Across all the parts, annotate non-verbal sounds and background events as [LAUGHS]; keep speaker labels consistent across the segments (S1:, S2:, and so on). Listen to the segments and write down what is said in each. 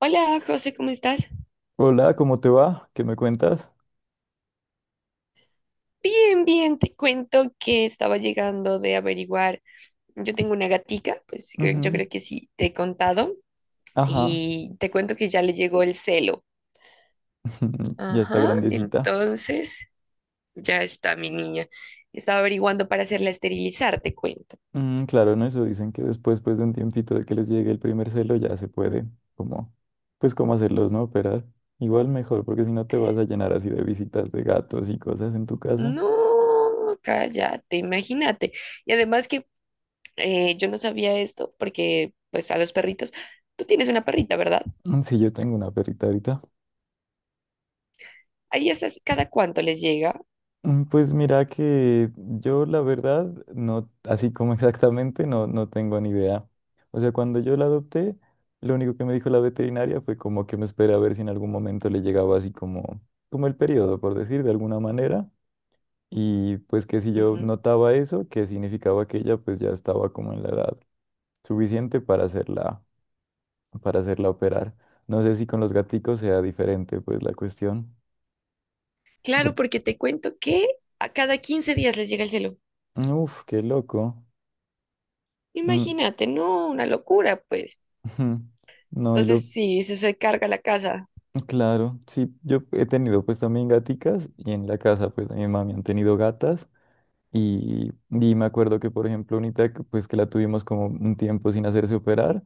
S1: Hola, José, ¿cómo estás?
S2: Hola, ¿cómo te va? ¿Qué me cuentas?
S1: Bien, bien, te cuento que estaba llegando de averiguar. Yo tengo una gatica, pues yo
S2: Ujú.
S1: creo que sí te he contado,
S2: Ajá.
S1: y te cuento que ya le llegó el celo.
S2: [LAUGHS] Ya está
S1: Ajá,
S2: grandecita.
S1: entonces ya está mi niña. Estaba averiguando para hacerla esterilizar, te cuento.
S2: Claro, no, eso dicen que después, pues de un tiempito de que les llegue el primer celo, ya se puede, como, pues cómo hacerlos, ¿no? Operar. Igual mejor, porque si no te vas a llenar así de visitas de gatos y cosas en tu casa.
S1: No, cállate, imagínate. Y además que yo no sabía esto porque, pues, a los perritos, tú tienes una perrita, ¿verdad?
S2: Sí, yo tengo una perrita ahorita.
S1: Ahí esas, ¿cada cuánto les llega?
S2: Pues mira que yo la verdad, no, así como [LAUGHS] exactamente, no, no tengo ni idea. O sea, cuando yo la adopté, lo único que me dijo la veterinaria fue como que me espera a ver si en algún momento le llegaba así como el periodo, por decir, de alguna manera. Y pues que si yo
S1: Ujú.
S2: notaba eso, que significaba que ella pues ya estaba como en la edad suficiente para hacerla operar. No sé si con los gaticos sea diferente pues la cuestión.
S1: Claro,
S2: porque-
S1: porque te cuento que a cada 15 días les llega el celo.
S2: Uf, qué loco. Mm.
S1: Imagínate, no, una locura, pues.
S2: Ujú. No, y
S1: Entonces sí, se carga la casa.
S2: claro, sí, yo he tenido pues también gaticas y en la casa pues de mi mami han tenido gatas y me acuerdo que por ejemplo unita que, pues que la tuvimos como un tiempo sin hacerse operar,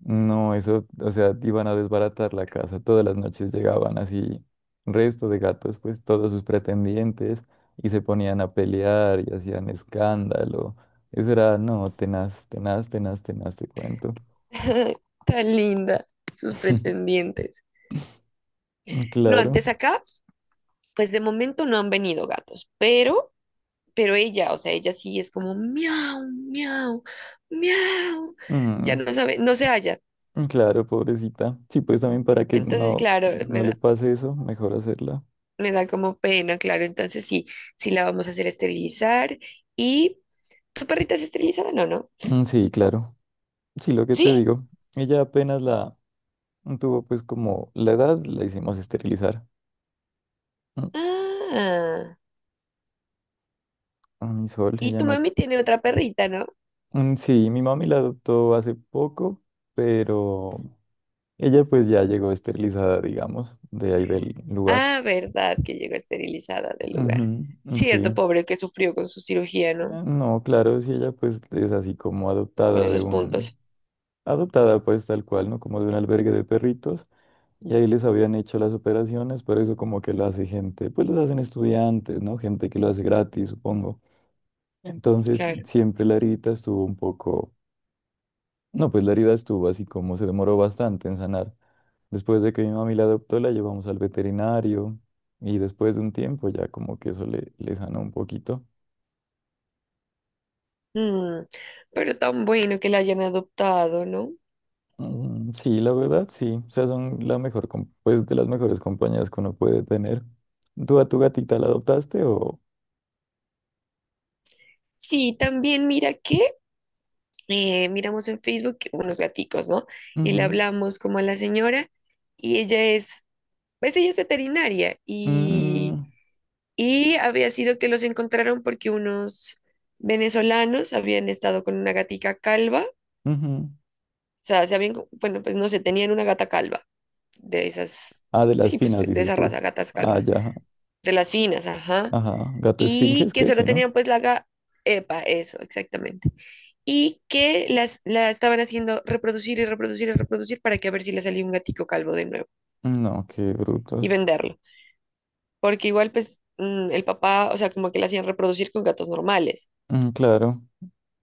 S2: no, eso, o sea, iban a desbaratar la casa, todas las noches llegaban así resto de gatos pues todos sus pretendientes y se ponían a pelear y hacían escándalo, eso era, no, tenaz, tenaz, tenaz, tenaz, te cuento.
S1: [LAUGHS] Tan linda, sus
S2: [LAUGHS]
S1: pretendientes. No,
S2: Claro.
S1: antes acá, pues de momento no han venido gatos, pero ella, o sea, ella sí es como miau, miau, miau. Ya
S2: Mm.
S1: no sabe, no se halla.
S2: Claro, pobrecita. Sí, pues también para que
S1: Entonces,
S2: no,
S1: claro,
S2: no le pase eso, mejor hacerla.
S1: me da como pena, claro. Entonces sí, sí la vamos a hacer esterilizar. ¿Y tu perrita es esterilizada? No, no.
S2: Sí, claro. Sí, lo que te
S1: ¿Sí?
S2: digo. Ella apenas la tuvo pues como la edad, la hicimos esterilizar. Mm,
S1: Ah,
S2: A mi sol,
S1: y
S2: ella
S1: tu
S2: no...
S1: mami tiene otra perrita, ¿no?
S2: Sí, mi mami la adoptó hace poco, pero ella pues ya llegó esterilizada, digamos, de ahí del lugar.
S1: Ah, verdad, que llegó esterilizada del
S2: Ujú.
S1: lugar.
S2: Mm. Sí.
S1: Cierto, pobre que sufrió con su cirugía, ¿no?
S2: Ah, no, claro, si ella pues es así como
S1: Con
S2: adoptada de
S1: esos
S2: un...
S1: puntos.
S2: Adoptada pues tal cual, ¿no? Como de un albergue de perritos. Y ahí les habían hecho las operaciones, pero eso como que lo hace gente, pues los hacen estudiantes, ¿no? Gente que lo hace gratis, supongo. Entonces,
S1: Claro.
S2: siempre la herida estuvo un poco, no, pues la herida estuvo así como se demoró bastante en sanar. Después de que mi mami la adoptó, la llevamos al veterinario y después de un tiempo ya como que eso le, le sanó un poquito.
S1: Mm, pero tan bueno que la hayan adoptado, ¿no?
S2: Sí, la verdad, sí. O sea, son pues de las mejores compañías que uno puede tener. ¿Tú a tu gatita la adoptaste o...?
S1: Sí, también mira que miramos en Facebook unos gaticos, ¿no? Y le
S2: Ujú.
S1: hablamos como a la señora y ella es, pues ella es veterinaria y
S2: Mm.
S1: Y había sido que los encontraron porque unos venezolanos habían estado con una gatica calva, o
S2: Ujú.
S1: sea, se habían, bueno, pues no sé, tenían una gata calva, de esas,
S2: Ah, de las
S1: sí, pues
S2: finas,
S1: de
S2: dices
S1: esa
S2: tú.
S1: raza, gatas
S2: Ah,
S1: calvas,
S2: ya.
S1: de las finas, ajá,
S2: Ajá. Gato
S1: y
S2: esfinges,
S1: que
S2: ¿qué?
S1: solo
S2: Sí, ¿no?
S1: tenían pues la gata, epa, eso, exactamente, y que las, la estaban haciendo reproducir y reproducir y reproducir para que a ver si le salía un gatico calvo de nuevo
S2: No, qué
S1: y
S2: brutos.
S1: venderlo, porque igual pues el papá, o sea, como que la hacían reproducir con gatos normales.
S2: Claro.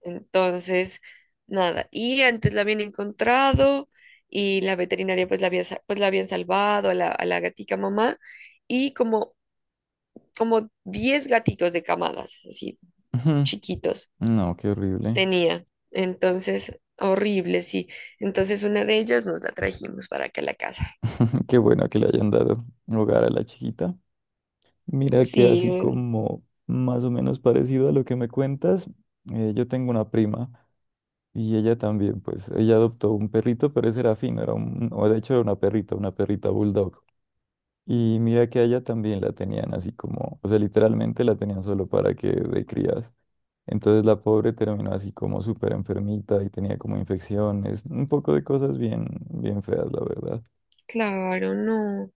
S1: Entonces, nada. Y antes la habían encontrado y la veterinaria pues la había, pues la habían salvado a la gatica mamá y como, como 10 gaticos de camadas, así
S2: Ujú.
S1: chiquitos,
S2: No, qué horrible.
S1: tenía. Entonces, horrible, sí. Entonces una de ellas nos la trajimos para acá a la casa.
S2: [LAUGHS] Qué bueno que le hayan dado hogar a la chiquita. Mira que
S1: Sí,
S2: así como más o menos parecido a lo que me cuentas, yo tengo una prima y ella también, pues, ella adoptó un perrito, pero ese era fino, o de hecho era una perrita bulldog. Y mira que a ella también la tenían así como, o sea, literalmente la tenían solo para que de crías. Entonces la pobre terminó así como súper enfermita y tenía como infecciones, un poco de cosas bien, bien feas, la verdad.
S1: claro, no.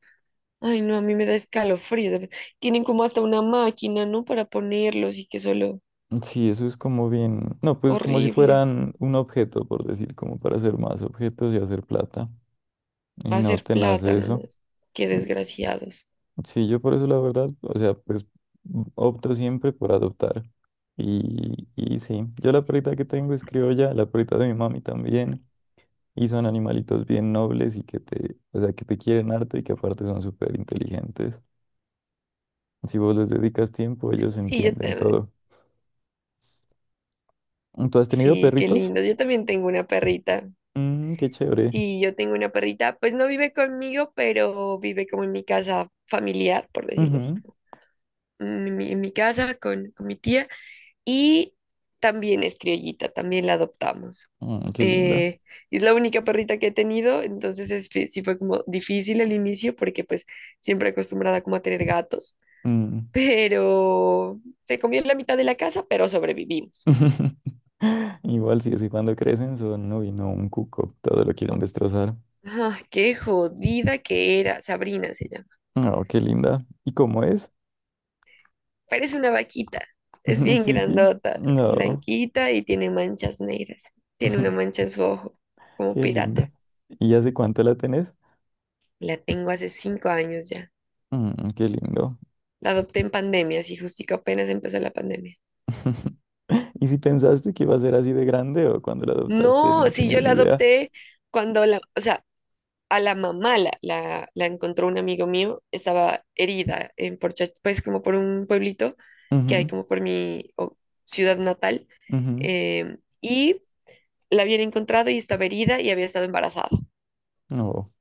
S1: Ay, no, a mí me da escalofrío. Tienen como hasta una máquina, ¿no? Para ponerlos y que solo
S2: Sí, eso es como bien, no, pues como si
S1: horrible.
S2: fueran un objeto, por decir, como para hacer más objetos y hacer plata. Y no
S1: Hacer
S2: te nace
S1: plátano, ¿no?
S2: eso.
S1: Qué desgraciados.
S2: Sí, yo por eso la verdad, o sea, pues opto siempre por adoptar. Y sí, yo la perrita que tengo es criolla, la perrita de mi mami también, y son animalitos bien nobles y que te, o sea, que te quieren harto y que aparte son súper inteligentes. Si vos les dedicas tiempo, ellos
S1: Sí, yo
S2: entienden
S1: también,
S2: todo. ¿Tú has tenido
S1: sí, qué
S2: perritos?
S1: lindos. Yo también tengo una perrita.
S2: Qué chévere.
S1: Sí, yo tengo una perrita, pues no vive conmigo, pero vive como en mi casa familiar, por decirlo así,
S2: Ujú.
S1: como en mi casa con mi tía. Y también es criollita, también la adoptamos.
S2: Qué linda.
S1: Eh, es la única perrita que he tenido, entonces es sí fue como difícil al inicio porque pues siempre acostumbrada como a tener gatos
S2: Mm.
S1: pero se comió la mitad de la casa, pero sobrevivimos.
S2: [LAUGHS] Igual sí, así cuando crecen son, uy, no, un cuco, todo lo quieren destrozar.
S1: Ah, qué jodida que era. Sabrina se llama.
S2: Oh, qué linda. ¿Y cómo es?
S1: Parece una vaquita. Es
S2: [LAUGHS]
S1: bien
S2: Sí, sí.
S1: grandota, es
S2: No.
S1: blanquita y tiene manchas negras. Tiene una
S2: [LAUGHS]
S1: mancha en su ojo, como
S2: Qué linda.
S1: pirata.
S2: ¿Y hace cuánto la tenés?
S1: La tengo hace 5 años ya.
S2: Qué lindo.
S1: La adopté en pandemia, así justico apenas empezó la pandemia.
S2: [LAUGHS] ¿Y si pensaste que iba a ser así de grande o cuando la adoptaste
S1: No,
S2: no
S1: si yo
S2: tenías ni
S1: la
S2: idea?
S1: adopté cuando la, o sea, a la mamá la encontró un amigo mío, estaba herida en Porcha, pues como por un pueblito que hay
S2: Ujú,
S1: como por ciudad natal,
S2: ujú.
S1: y la habían encontrado y estaba herida y había estado embarazada.
S2: No.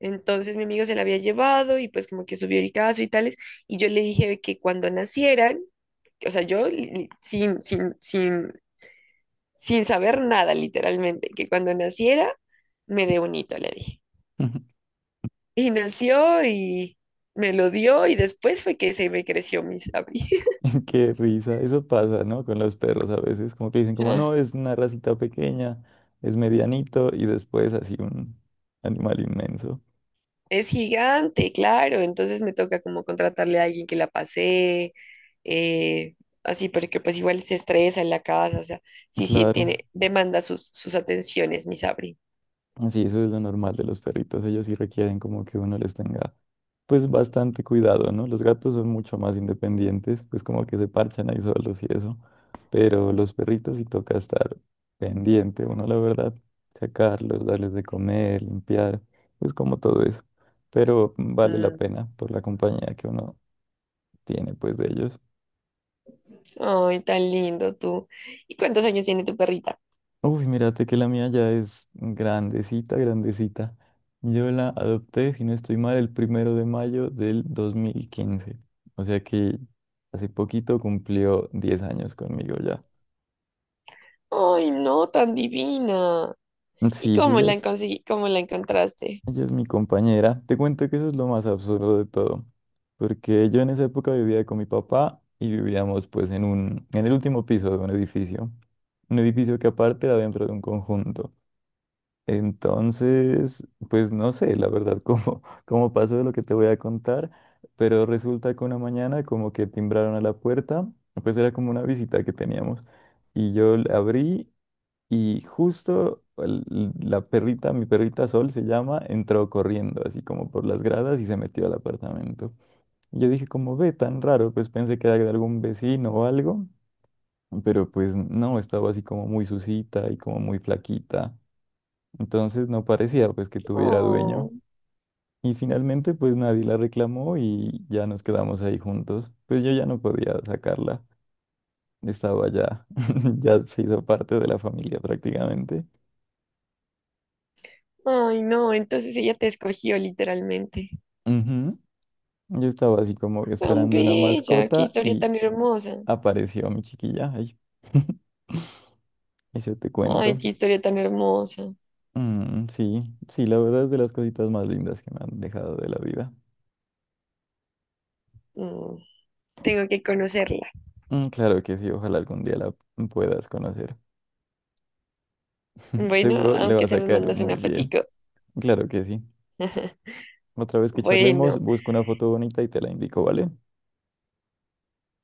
S1: Entonces mi amigo se la había llevado y pues como que subió el caso y tales, y yo le dije que cuando nacieran, o sea, yo sin saber nada literalmente, que cuando naciera me dé un hito, le dije.
S2: [LAUGHS]
S1: Y nació y me lo dio y después fue que se me creció mi sabi. [LAUGHS]
S2: Qué risa. Eso pasa, ¿no? Con los perros a veces. Como que dicen como, no,
S1: Ah,
S2: es una racita pequeña, es medianito y después así un animal inmenso.
S1: es gigante, claro, entonces me toca como contratarle a alguien que la pasee, eh, así, porque pues igual se estresa en la casa, o sea, sí, sí,
S2: Claro.
S1: tiene, demanda sus, sus atenciones, mi Sabri.
S2: Sí, eso es lo normal de los perritos. Ellos sí requieren como que uno les tenga, pues, bastante cuidado, ¿no? Los gatos son mucho más independientes, pues como que se parchan ahí solos y eso. Pero los perritos sí toca estar pendiente, uno, la verdad, sacarlos, darles de comer, limpiar, pues como todo eso. Pero vale la
S1: Mm,
S2: pena por la compañía que uno tiene, pues, de ellos.
S1: ay, tan lindo tú. ¿Y cuántos años tiene tu perrita?
S2: Uy, mírate que la mía ya es grandecita, grandecita. Yo la adopté, si no estoy mal, el 1 de mayo de 2015. O sea que hace poquito cumplió 10 años conmigo ya.
S1: Ay, no, tan divina. ¿Y
S2: Sí, sí,
S1: cómo
S2: ella
S1: la
S2: es,
S1: conseguí, cómo la encontraste?
S2: ella es mi compañera. Te cuento que eso es lo más absurdo de todo. Porque yo en esa época vivía con mi papá y vivíamos pues en el último piso de un edificio. Un edificio que aparte era dentro de un conjunto. Entonces, pues no sé, la verdad, cómo, [LAUGHS] cómo pasó de lo que te voy a contar, pero resulta que una mañana como que timbraron a la puerta, pues era como una visita que teníamos, y yo la abrí y justo la perrita, mi perrita Sol se llama, entró corriendo así como por las gradas y se metió al apartamento. Y yo dije como, ve, tan raro, pues pensé que era de algún vecino o algo, pero pues no, estaba así como muy sucita y como muy flaquita. Entonces no parecía pues que tuviera
S1: Oh.
S2: dueño. Y finalmente pues nadie la reclamó y ya nos quedamos ahí juntos. Pues yo ya no podía sacarla. Estaba ya, [LAUGHS] ya se hizo parte de la familia prácticamente.
S1: Ay, no, entonces ella te escogió literalmente.
S2: Ujú. Yo estaba así como
S1: Tan
S2: esperando una
S1: bella, qué
S2: mascota
S1: historia
S2: y
S1: tan hermosa.
S2: apareció mi chiquilla. Ay, [LAUGHS] eso te
S1: Ay,
S2: cuento.
S1: qué historia tan hermosa.
S2: Sí, sí, la verdad es de las cositas más lindas que me han dejado de la vida.
S1: Mm, tengo que conocerla.
S2: Claro que sí, ojalá algún día la puedas conocer. [LAUGHS]
S1: Bueno,
S2: Seguro le
S1: aunque
S2: vas
S1: sea
S2: a
S1: me
S2: caer
S1: mandas
S2: muy
S1: una
S2: bien.
S1: fotico.
S2: Claro que sí.
S1: [LAUGHS]
S2: Otra vez que charlemos,
S1: Bueno,
S2: busco una foto bonita y te la indico, ¿vale?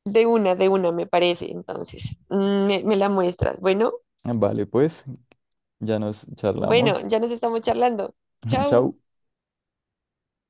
S1: de una me parece, entonces. Mm, me la muestras. Bueno,
S2: Vale, pues, ya nos
S1: bueno,
S2: charlamos.
S1: ya nos estamos charlando.
S2: [LAUGHS]
S1: Chao.
S2: Chau.